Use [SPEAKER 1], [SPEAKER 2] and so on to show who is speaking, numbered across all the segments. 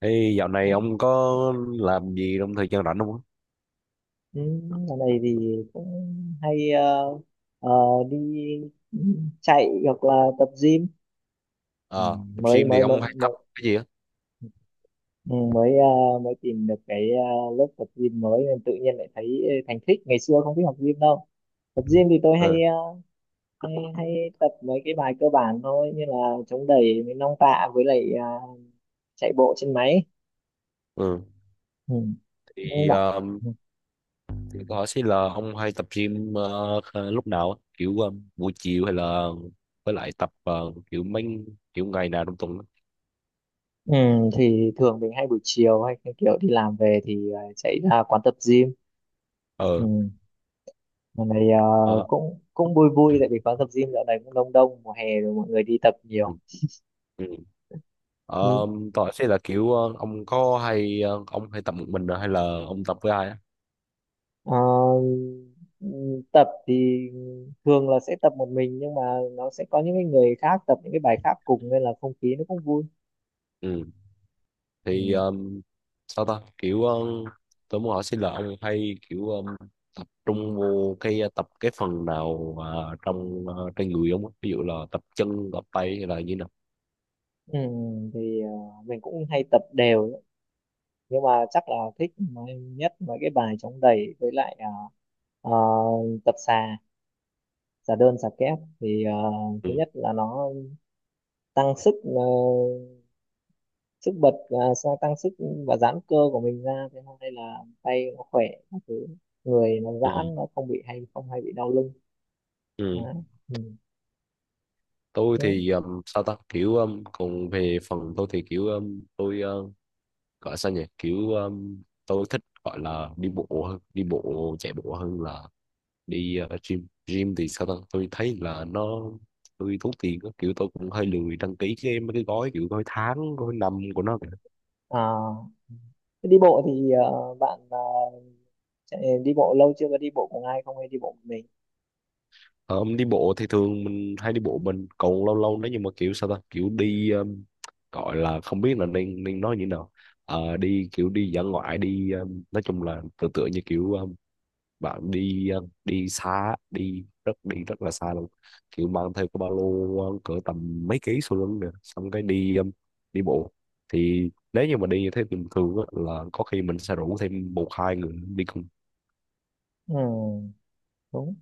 [SPEAKER 1] Ê, dạo này
[SPEAKER 2] Đấy.
[SPEAKER 1] ông có làm gì trong thời gian rảnh không? Á?
[SPEAKER 2] Ừ, dạo này thì cũng hay ờ, đi ừ, chạy hoặc là tập gym. ừ,
[SPEAKER 1] Ờ, Tập
[SPEAKER 2] mới
[SPEAKER 1] gym thì
[SPEAKER 2] mới mới
[SPEAKER 1] ông hay tập
[SPEAKER 2] mới
[SPEAKER 1] cái gì á?
[SPEAKER 2] ừ, mới ờ, mới tìm được cái lớp tập gym mới nên tự nhiên lại thấy thành thích, ngày xưa không thích học gym đâu. Tập gym thì tôi
[SPEAKER 1] Ừ,
[SPEAKER 2] hay tập mấy cái bài cơ bản thôi, như là chống đẩy với nong tạ với lại chạy bộ trên máy.
[SPEAKER 1] ừ.
[SPEAKER 2] Ừ. Đúng không
[SPEAKER 1] Thì,
[SPEAKER 2] bạn?
[SPEAKER 1] ờ, thì câu hỏi sẽ là ông hay tập gym lúc nào? Á? Kiểu buổi chiều hay là với lại tập kiểu mấy kiểu ngày nào trong tuần? Á?
[SPEAKER 2] Ừ, thì thường mình hay buổi chiều, hay cái kiểu đi làm về thì chạy ra quán tập gym. Ừ.
[SPEAKER 1] Ờ,
[SPEAKER 2] Lần này
[SPEAKER 1] ờ,
[SPEAKER 2] cũng cũng vui vui, tại vì quán tập gym dạo này cũng đông đông, mùa hè rồi mọi người đi tập
[SPEAKER 1] ừ,
[SPEAKER 2] nhiều.
[SPEAKER 1] ừ.
[SPEAKER 2] Ừ.
[SPEAKER 1] Ờ, câu hỏi sẽ là kiểu ông hay tập một mình hay là ông tập với ai? Á?
[SPEAKER 2] Ờ, ừ, Tập thì thường là sẽ tập một mình, nhưng mà nó sẽ có những cái người khác tập những cái bài khác cùng nên là không khí nó cũng vui.
[SPEAKER 1] Ừ.
[SPEAKER 2] Ừ.
[SPEAKER 1] Thì sao ta kiểu tôi muốn hỏi xin là ông hay kiểu tập trung vô cái tập cái phần nào, à, trong, à, trên người ông á? Ví dụ là tập chân tập tay hay là như nào.
[SPEAKER 2] Ừ. Thì mình cũng hay tập đều ấy. Nhưng mà chắc là thích nhất mấy cái bài chống đẩy, với lại ờ, tập xà xà đơn xà kép thì
[SPEAKER 1] Ừ,
[SPEAKER 2] thứ nhất là nó tăng sức, sức bật và sao, tăng sức và giãn cơ của mình ra, thế hôm nay là tay nó khỏe các thứ, người nó
[SPEAKER 1] ừ,
[SPEAKER 2] giãn, nó không hay bị đau lưng.
[SPEAKER 1] ừ.
[SPEAKER 2] Đấy. Ừ.
[SPEAKER 1] Tôi
[SPEAKER 2] Thế,
[SPEAKER 1] thì sao ta kiểu còn về phần tôi thì kiểu tôi gọi sao nhỉ kiểu tôi thích gọi là đi bộ hơn đi bộ chạy bộ hơn là đi gym. Gym thì sao ta tôi thấy là tôi tốn tiền á, kiểu tôi cũng hơi lười đăng ký cái mấy cái gói kiểu gói tháng gói năm của nó kìa.
[SPEAKER 2] à, thế đi bộ thì bạn chạy, đi bộ lâu chưa? Có đi bộ cùng ai không hay đi bộ một mình?
[SPEAKER 1] Ờ, Đi bộ thì thường mình hay đi bộ mình, còn lâu lâu nếu như mà kiểu sao ta kiểu đi gọi là không biết là nên nên nói như thế nào. Ờ, đi kiểu đi dã ngoại, đi nói chung là tự tựa như kiểu bạn đi đi xa, đi rất là xa luôn, kiểu mang theo cái ba lô cỡ tầm mấy ký sau lưng nè, xong cái đi đi bộ. Thì nếu như mà đi như thế bình thường á, là có khi mình sẽ rủ thêm một hai người đi cùng.
[SPEAKER 2] Ừ, đúng.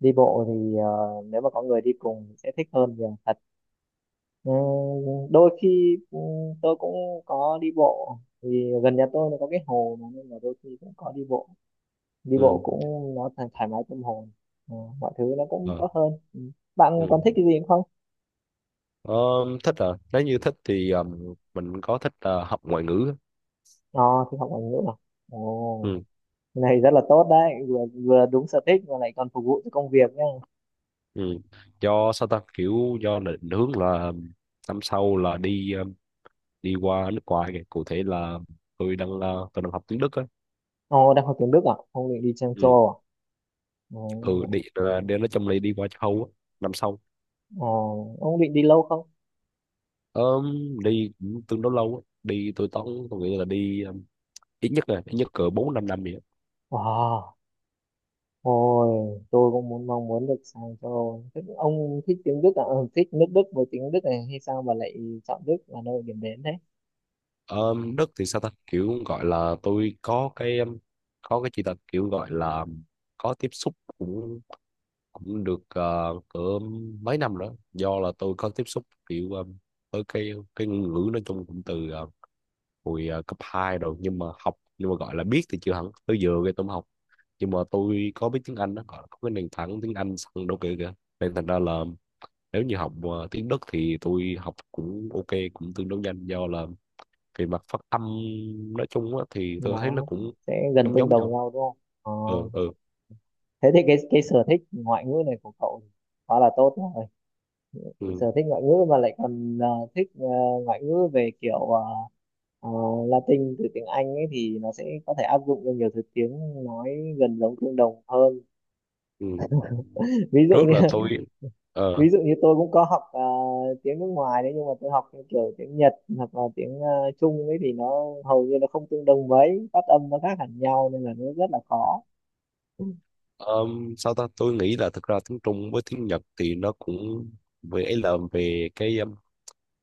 [SPEAKER 2] Đi bộ thì nếu mà có người đi cùng thì sẽ thích hơn nhiều thật. Ừ, đôi khi tôi cũng có đi bộ. Thì gần nhà tôi nó có cái hồ mà, nên là đôi khi cũng có đi bộ. Đi bộ
[SPEAKER 1] Ừ.
[SPEAKER 2] cũng nó thoải mái tâm hồn. Ờ, mọi thứ nó cũng
[SPEAKER 1] ờ,
[SPEAKER 2] tốt hơn. Ừ. Bạn còn
[SPEAKER 1] ừ.
[SPEAKER 2] thích cái gì nữa không?
[SPEAKER 1] Ờ, thích à, nếu như thích thì mình có thích học ngoại ngữ á.
[SPEAKER 2] ờ thì học ngoại ngữ à? Ồ.
[SPEAKER 1] Ừ.
[SPEAKER 2] Cái này rất là tốt đấy, vừa vừa đúng sở thích mà lại còn phục vụ cho công việc nhá.
[SPEAKER 1] Ừ. Do sao ta kiểu do định hướng là năm sau là đi đi qua nước ngoài kìa, cụ thể là tôi đang học tiếng Đức á.
[SPEAKER 2] Ồ, đang học tiếng Đức à? Ông định đi sang châu
[SPEAKER 1] Ừ.
[SPEAKER 2] Âu à?
[SPEAKER 1] Ừ,
[SPEAKER 2] Ồ.
[SPEAKER 1] đi là đi nói chung là đi qua châu Âu á năm sau.
[SPEAKER 2] Ồ, ông định đi lâu không?
[SPEAKER 1] Ờm, Đi cũng tương đối lâu á. Đi tôi tốn Tôi nghĩ là đi ít nhất cỡ 4-5 năm vậy á.
[SPEAKER 2] Wow. Ôi, tôi cũng mong muốn được sang châu Âu. Thế ông thích tiếng Đức à? Ừ, Thích nước Đức với tiếng Đức này hay sao mà lại chọn Đức là nơi điểm đến thế?
[SPEAKER 1] Đất thì sao ta kiểu gọi là tôi có cái chỉ là kiểu gọi là có tiếp xúc cũng cũng được cỡ mấy năm nữa, do là tôi có tiếp xúc kiểu với cái ngôn ngữ, nói chung cũng từ hồi cấp 2 rồi, nhưng mà gọi là biết thì chưa hẳn, tới giờ cái tôi mới học, nhưng mà tôi có biết tiếng Anh đó, gọi là có cái nền tảng tiếng Anh sẵn đâu kìa kìa nên thành ra là nếu như học tiếng Đức thì tôi học cũng ok, cũng tương đối nhanh, do là về mặt phát âm nói chung á, thì tôi thấy
[SPEAKER 2] Nó
[SPEAKER 1] nó cũng
[SPEAKER 2] sẽ gần
[SPEAKER 1] giống
[SPEAKER 2] tương
[SPEAKER 1] giống
[SPEAKER 2] đồng
[SPEAKER 1] nhau.
[SPEAKER 2] nhau đúng không? Ờ.
[SPEAKER 1] Ừ, ừ,
[SPEAKER 2] Thế thì cái sở thích ngoại ngữ này của cậu quá là tốt rồi. Sở
[SPEAKER 1] ừ,
[SPEAKER 2] thích ngoại ngữ mà lại còn thích ngoại ngữ về kiểu ờ, Latin từ tiếng Anh ấy, thì nó sẽ có thể áp dụng cho nhiều thứ tiếng nói gần giống tương đồng hơn.
[SPEAKER 1] ừ.
[SPEAKER 2] Ví dụ
[SPEAKER 1] Trước
[SPEAKER 2] như.
[SPEAKER 1] là tôi ờ
[SPEAKER 2] Ví dụ như tôi cũng có học tiếng nước ngoài đấy, nhưng mà tôi học theo kiểu tiếng Nhật hoặc là tiếng Trung ấy thì nó hầu như nó không tương đồng mấy, phát âm nó khác hẳn nhau nên là nó rất là khó.
[SPEAKER 1] Sao ta tôi nghĩ là thực ra tiếng Trung với tiếng Nhật thì nó cũng về ấy, là về cái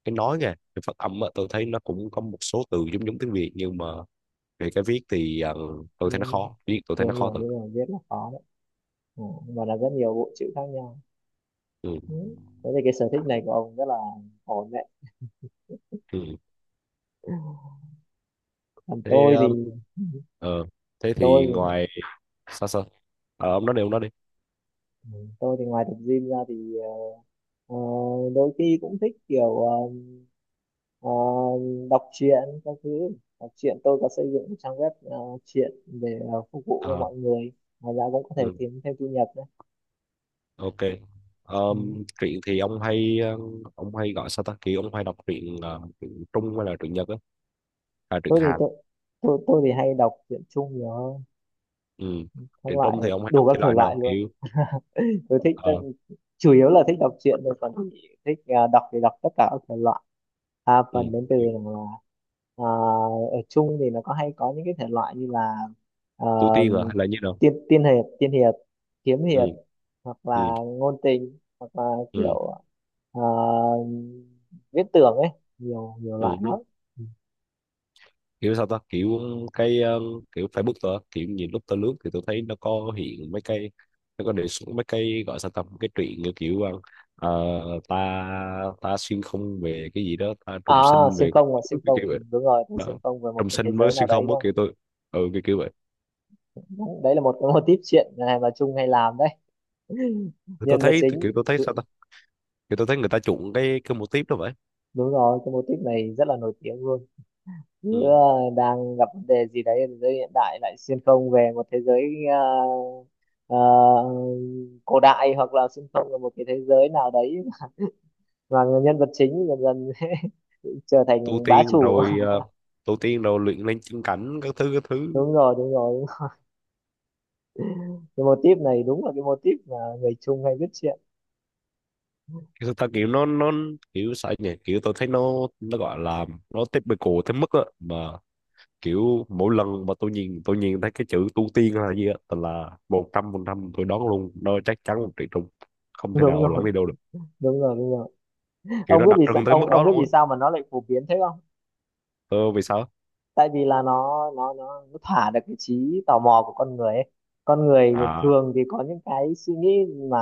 [SPEAKER 1] cái nói nha, cái phát âm á, tôi thấy nó cũng có một số từ giống giống tiếng Việt, nhưng mà về cái viết thì tôi thấy nó
[SPEAKER 2] nhiều nhiều
[SPEAKER 1] khó viết, tôi thấy
[SPEAKER 2] nhiều
[SPEAKER 1] nó khó
[SPEAKER 2] nhiều
[SPEAKER 1] thật.
[SPEAKER 2] nhiều biết là khó đấy. ừ, và là rất nhiều bộ chữ khác nhau.
[SPEAKER 1] Ừ.
[SPEAKER 2] Ừ. Thế thì cái sở thích này của ông rất là ổn đấy.
[SPEAKER 1] Ừ.
[SPEAKER 2] Còn
[SPEAKER 1] thế um, ờ, thế
[SPEAKER 2] tôi
[SPEAKER 1] thì
[SPEAKER 2] thì-
[SPEAKER 1] sao sao? Ờ, ông nói đi, ông nói đi.
[SPEAKER 2] tôi thì ngoài tập gym ra thì ờ, đôi khi cũng thích kiểu ờ, đọc truyện các thứ. Đọc truyện, tôi có xây dựng một trang web truyện để phục vụ cho
[SPEAKER 1] Ờ,
[SPEAKER 2] mọi người. Ngoài ra cũng có thể
[SPEAKER 1] ừ,
[SPEAKER 2] kiếm thêm thu nhập nữa.
[SPEAKER 1] ok.
[SPEAKER 2] Ừ.
[SPEAKER 1] Truyện thì ông hay gọi sao ta kỳ, ông hay đọc truyện truyện Trung hay là truyện Nhật á, à, truyện
[SPEAKER 2] Tôi thì
[SPEAKER 1] Hàn.
[SPEAKER 2] tôi tôi thì hay đọc truyện chung nhiều hơn.
[SPEAKER 1] Ừ.
[SPEAKER 2] Các
[SPEAKER 1] Truyện
[SPEAKER 2] loại,
[SPEAKER 1] Trung thì ông hay
[SPEAKER 2] đủ
[SPEAKER 1] đọc
[SPEAKER 2] các
[SPEAKER 1] thể
[SPEAKER 2] thể
[SPEAKER 1] loại
[SPEAKER 2] loại
[SPEAKER 1] nào,
[SPEAKER 2] luôn.
[SPEAKER 1] kiểu
[SPEAKER 2] Tôi thích,
[SPEAKER 1] ờ,
[SPEAKER 2] chủ yếu là thích đọc truyện thôi. Còn thích đọc thì đọc tất cả các thể loại. à,
[SPEAKER 1] ừ,
[SPEAKER 2] phần đến từ là, à, ở chung thì nó có hay có những cái thể loại như là à,
[SPEAKER 1] tu tiên à, hay là như nào?
[SPEAKER 2] tiên tiên hiệp tiên hiệp, kiếm
[SPEAKER 1] Ừ.
[SPEAKER 2] hiệp, hoặc
[SPEAKER 1] Ừ.
[SPEAKER 2] là ngôn tình, hoặc là
[SPEAKER 1] Ừ.
[SPEAKER 2] kiểu à, viễn tưởng ấy, nhiều nhiều loại
[SPEAKER 1] Ừ.
[SPEAKER 2] lắm.
[SPEAKER 1] Kiểu sao ta kiểu cái kiểu Facebook tôi á, kiểu nhìn lúc tôi lướt thì tôi thấy hiện mấy cái nó có đề xuất mấy cái, gọi sao ta, mấy cái truyện như kiểu ờ, ta ta xuyên không về cái gì đó, ta
[SPEAKER 2] à
[SPEAKER 1] trùng sinh
[SPEAKER 2] xuyên
[SPEAKER 1] về,
[SPEAKER 2] không và xuyên
[SPEAKER 1] cái
[SPEAKER 2] không.
[SPEAKER 1] kiểu
[SPEAKER 2] Ừ,
[SPEAKER 1] vậy
[SPEAKER 2] đúng rồi, tôi xuyên
[SPEAKER 1] đó.
[SPEAKER 2] không về một
[SPEAKER 1] Trùng
[SPEAKER 2] cái thế
[SPEAKER 1] sinh với
[SPEAKER 2] giới nào
[SPEAKER 1] xuyên
[SPEAKER 2] đấy.
[SPEAKER 1] không á, kiểu tôi ừ kiểu kiểu vậy.
[SPEAKER 2] Đấy là một cái mô típ chuyện này mà Trung hay làm đấy.
[SPEAKER 1] Thì tôi
[SPEAKER 2] Nhân vật
[SPEAKER 1] thấy kiểu
[SPEAKER 2] chính
[SPEAKER 1] tôi thấy sao ta, kiểu tôi thấy người ta chuộng cái mô típ đó vậy.
[SPEAKER 2] Đúng rồi, cái mô típ này rất là nổi tiếng luôn. Cứ
[SPEAKER 1] Ừ.
[SPEAKER 2] đang gặp vấn đề gì đấy ở thế giới hiện đại, lại xuyên không về một thế giới ờ, ờ, cổ đại, hoặc là xuyên không về một cái thế giới nào đấy, mà nhân vật chính dần dần trở
[SPEAKER 1] Tu
[SPEAKER 2] thành bá
[SPEAKER 1] tiên
[SPEAKER 2] chủ.
[SPEAKER 1] rồi, luyện lên chân cảnh các thứ các thứ.
[SPEAKER 2] Đúng rồi, đúng rồi, đúng rồi. Cái mô típ này đúng là cái mô típ mà người Trung hay viết chuyện.
[SPEAKER 1] Kiểu thực ra kiểu nó kiểu sao nhỉ, kiểu tôi thấy nó gọi là nó typical tới mức á mà, kiểu mỗi lần mà tôi nhìn thấy cái chữ tu tiên hay là gì á, tôi là 100% tôi đoán luôn, nó chắc chắn 1 triệu trùng, không thể
[SPEAKER 2] Đúng
[SPEAKER 1] nào lẫn
[SPEAKER 2] rồi,
[SPEAKER 1] đi đâu được,
[SPEAKER 2] đúng rồi, đúng rồi.
[SPEAKER 1] kiểu
[SPEAKER 2] ông
[SPEAKER 1] nó
[SPEAKER 2] biết
[SPEAKER 1] đặc
[SPEAKER 2] vì sao
[SPEAKER 1] trưng tới
[SPEAKER 2] ông
[SPEAKER 1] mức
[SPEAKER 2] ông
[SPEAKER 1] đó
[SPEAKER 2] biết vì
[SPEAKER 1] luôn á.
[SPEAKER 2] sao mà nó lại phổ biến thế không?
[SPEAKER 1] Ờ vì sao?
[SPEAKER 2] Tại vì là nó thỏa được cái trí tò mò của con người ấy. Con người
[SPEAKER 1] À,
[SPEAKER 2] thường thì có những cái suy nghĩ mà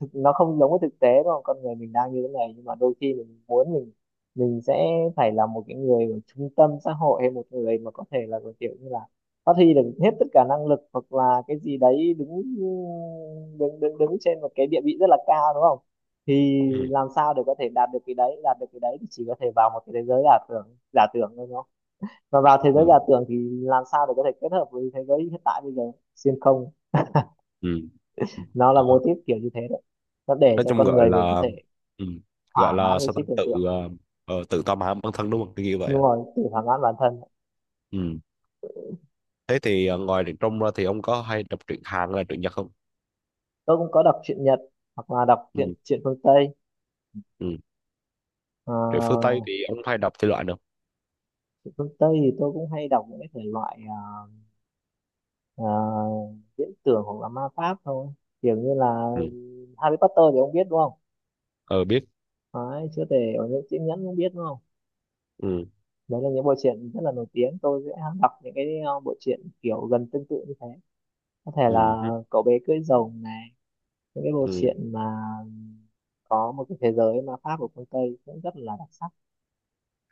[SPEAKER 2] thực, nó không giống với thực tế đúng không? Con người mình đang như thế này nhưng mà đôi khi mình muốn mình sẽ phải là một cái người ở trung tâm xã hội hay một người mà có thể là một kiểu như là phát huy được hết tất cả năng lực, hoặc là cái gì đấy đứng đứng đứng đứng trên một cái địa vị rất là cao đúng không? Thì
[SPEAKER 1] ừ,
[SPEAKER 2] làm sao để có thể đạt được cái đấy, đạt được cái đấy thì chỉ có thể vào một cái thế giới giả tưởng, giả tưởng thôi. Và vào thế giới
[SPEAKER 1] ừ,
[SPEAKER 2] giả tưởng thì làm sao để có thể kết hợp với thế giới hiện tại bây giờ? Xuyên không.
[SPEAKER 1] ừ, ừ,
[SPEAKER 2] Nó là mô
[SPEAKER 1] ờ,
[SPEAKER 2] típ kiểu như thế đấy, nó để
[SPEAKER 1] nói
[SPEAKER 2] cho
[SPEAKER 1] chung
[SPEAKER 2] con
[SPEAKER 1] gọi
[SPEAKER 2] người mình có
[SPEAKER 1] là
[SPEAKER 2] thể
[SPEAKER 1] ừ, gọi
[SPEAKER 2] thỏa mãn
[SPEAKER 1] là
[SPEAKER 2] cái
[SPEAKER 1] sao ta,
[SPEAKER 2] trí tưởng tượng.
[SPEAKER 1] tự tầm hãm bản thân đúng không, cái như vậy.
[SPEAKER 2] Đúng rồi, tự thỏa mãn bản thân.
[SPEAKER 1] Ừ. Thế thì ngoài truyện Trung ra thì ông có hay đọc truyện Hàn hay là truyện Nhật không?
[SPEAKER 2] Tôi cũng có đọc truyện Nhật hoặc là đọc truyện
[SPEAKER 1] Ừ,
[SPEAKER 2] truyện phương Tây.
[SPEAKER 1] ừ.
[SPEAKER 2] Ờ,
[SPEAKER 1] Rượu phương Tây thì ông hay đọc thể loại nào?
[SPEAKER 2] truyện phương Tây thì tôi cũng hay đọc những cái thể loại ờ, ờ, viễn tưởng hoặc là ma pháp thôi, kiểu như là
[SPEAKER 1] Ừ,
[SPEAKER 2] Harry Potter thì ông biết đúng không?
[SPEAKER 1] ờ biết.
[SPEAKER 2] Đấy, chữa thể ở những chiếc nhẫn cũng biết đúng không?
[SPEAKER 1] Ừ,
[SPEAKER 2] Đấy là những bộ truyện rất là nổi tiếng, tôi sẽ đọc những cái bộ truyện kiểu gần tương tự như thế, có thể
[SPEAKER 1] ừ,
[SPEAKER 2] là
[SPEAKER 1] hứ,
[SPEAKER 2] cậu bé cưỡi rồng này, những cái bộ
[SPEAKER 1] ừ.
[SPEAKER 2] truyện mà có một cái thế giới ma pháp của phương Tây cũng rất là đặc sắc.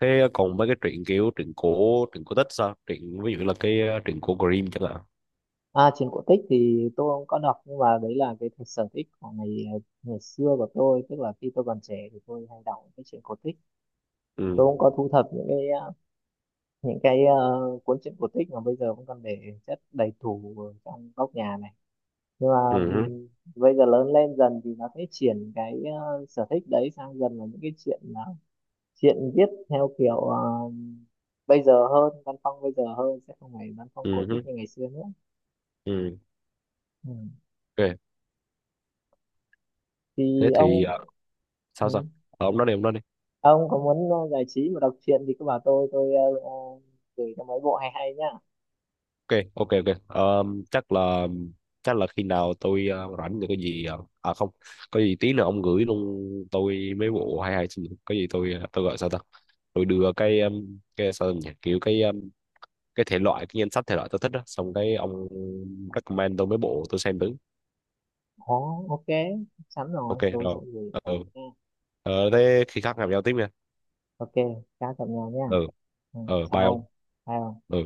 [SPEAKER 1] Thế còn mấy cái truyện kiểu truyện cổ tích sao? Truyện ví dụ là cái truyện cổ Grimm chẳng hạn.
[SPEAKER 2] Truyện cổ tích thì tôi không có đọc, nhưng mà đấy là cái sở thích của ngày xưa của tôi, tức là khi tôi còn trẻ thì tôi hay đọc những cái truyện cổ tích.
[SPEAKER 1] Ừ,
[SPEAKER 2] Tôi cũng có thu thập những cái cuốn truyện cổ tích mà bây giờ vẫn còn để chất đầy tủ ở trong góc nhà này, nhưng mà
[SPEAKER 1] ừ, hứ,
[SPEAKER 2] ừm, bây giờ lớn lên dần thì nó sẽ chuyển cái sở thích đấy sang dần là những cái chuyện viết theo kiểu bây giờ hơn, văn phong bây giờ hơn, sẽ không phải văn phong cổ
[SPEAKER 1] ừ, hứ,
[SPEAKER 2] tích như ngày xưa nữa.
[SPEAKER 1] ừ.
[SPEAKER 2] Ừ.
[SPEAKER 1] Ok. Thế
[SPEAKER 2] Thì
[SPEAKER 1] thì
[SPEAKER 2] ông. Ừ.
[SPEAKER 1] sao sao? Ờ, ông nói đi, ông nói đi.
[SPEAKER 2] Ông có muốn giải trí và đọc truyện thì cứ bảo tôi gửi cho mấy bộ hay hay nhá.
[SPEAKER 1] Ok, ok, ok. Ờ, chắc là chắc là khi nào rảnh được cái gì à không, có gì tí nữa ông gửi luôn tôi mấy bộ hay hay, xin lỗi. Có gì tôi gọi sao ta, tôi đưa cái sao nhỉ, kiểu cái thể loại cái danh sách thể loại tôi thích đó, xong cái ông recommend tôi mấy bộ tôi xem thử.
[SPEAKER 2] Ồ, ok, chắn
[SPEAKER 1] Ok
[SPEAKER 2] rồi, tôi
[SPEAKER 1] rồi.
[SPEAKER 2] sẽ gửi
[SPEAKER 1] Ừ.
[SPEAKER 2] vào nha.
[SPEAKER 1] Thế khi khác gặp nhau tiếp nha.
[SPEAKER 2] Ok, chào tạm nhau nha.
[SPEAKER 1] Ừ.
[SPEAKER 2] Ừ.
[SPEAKER 1] Ờ,
[SPEAKER 2] Chào
[SPEAKER 1] bye ông.
[SPEAKER 2] ông. Bye ông.
[SPEAKER 1] Ừ.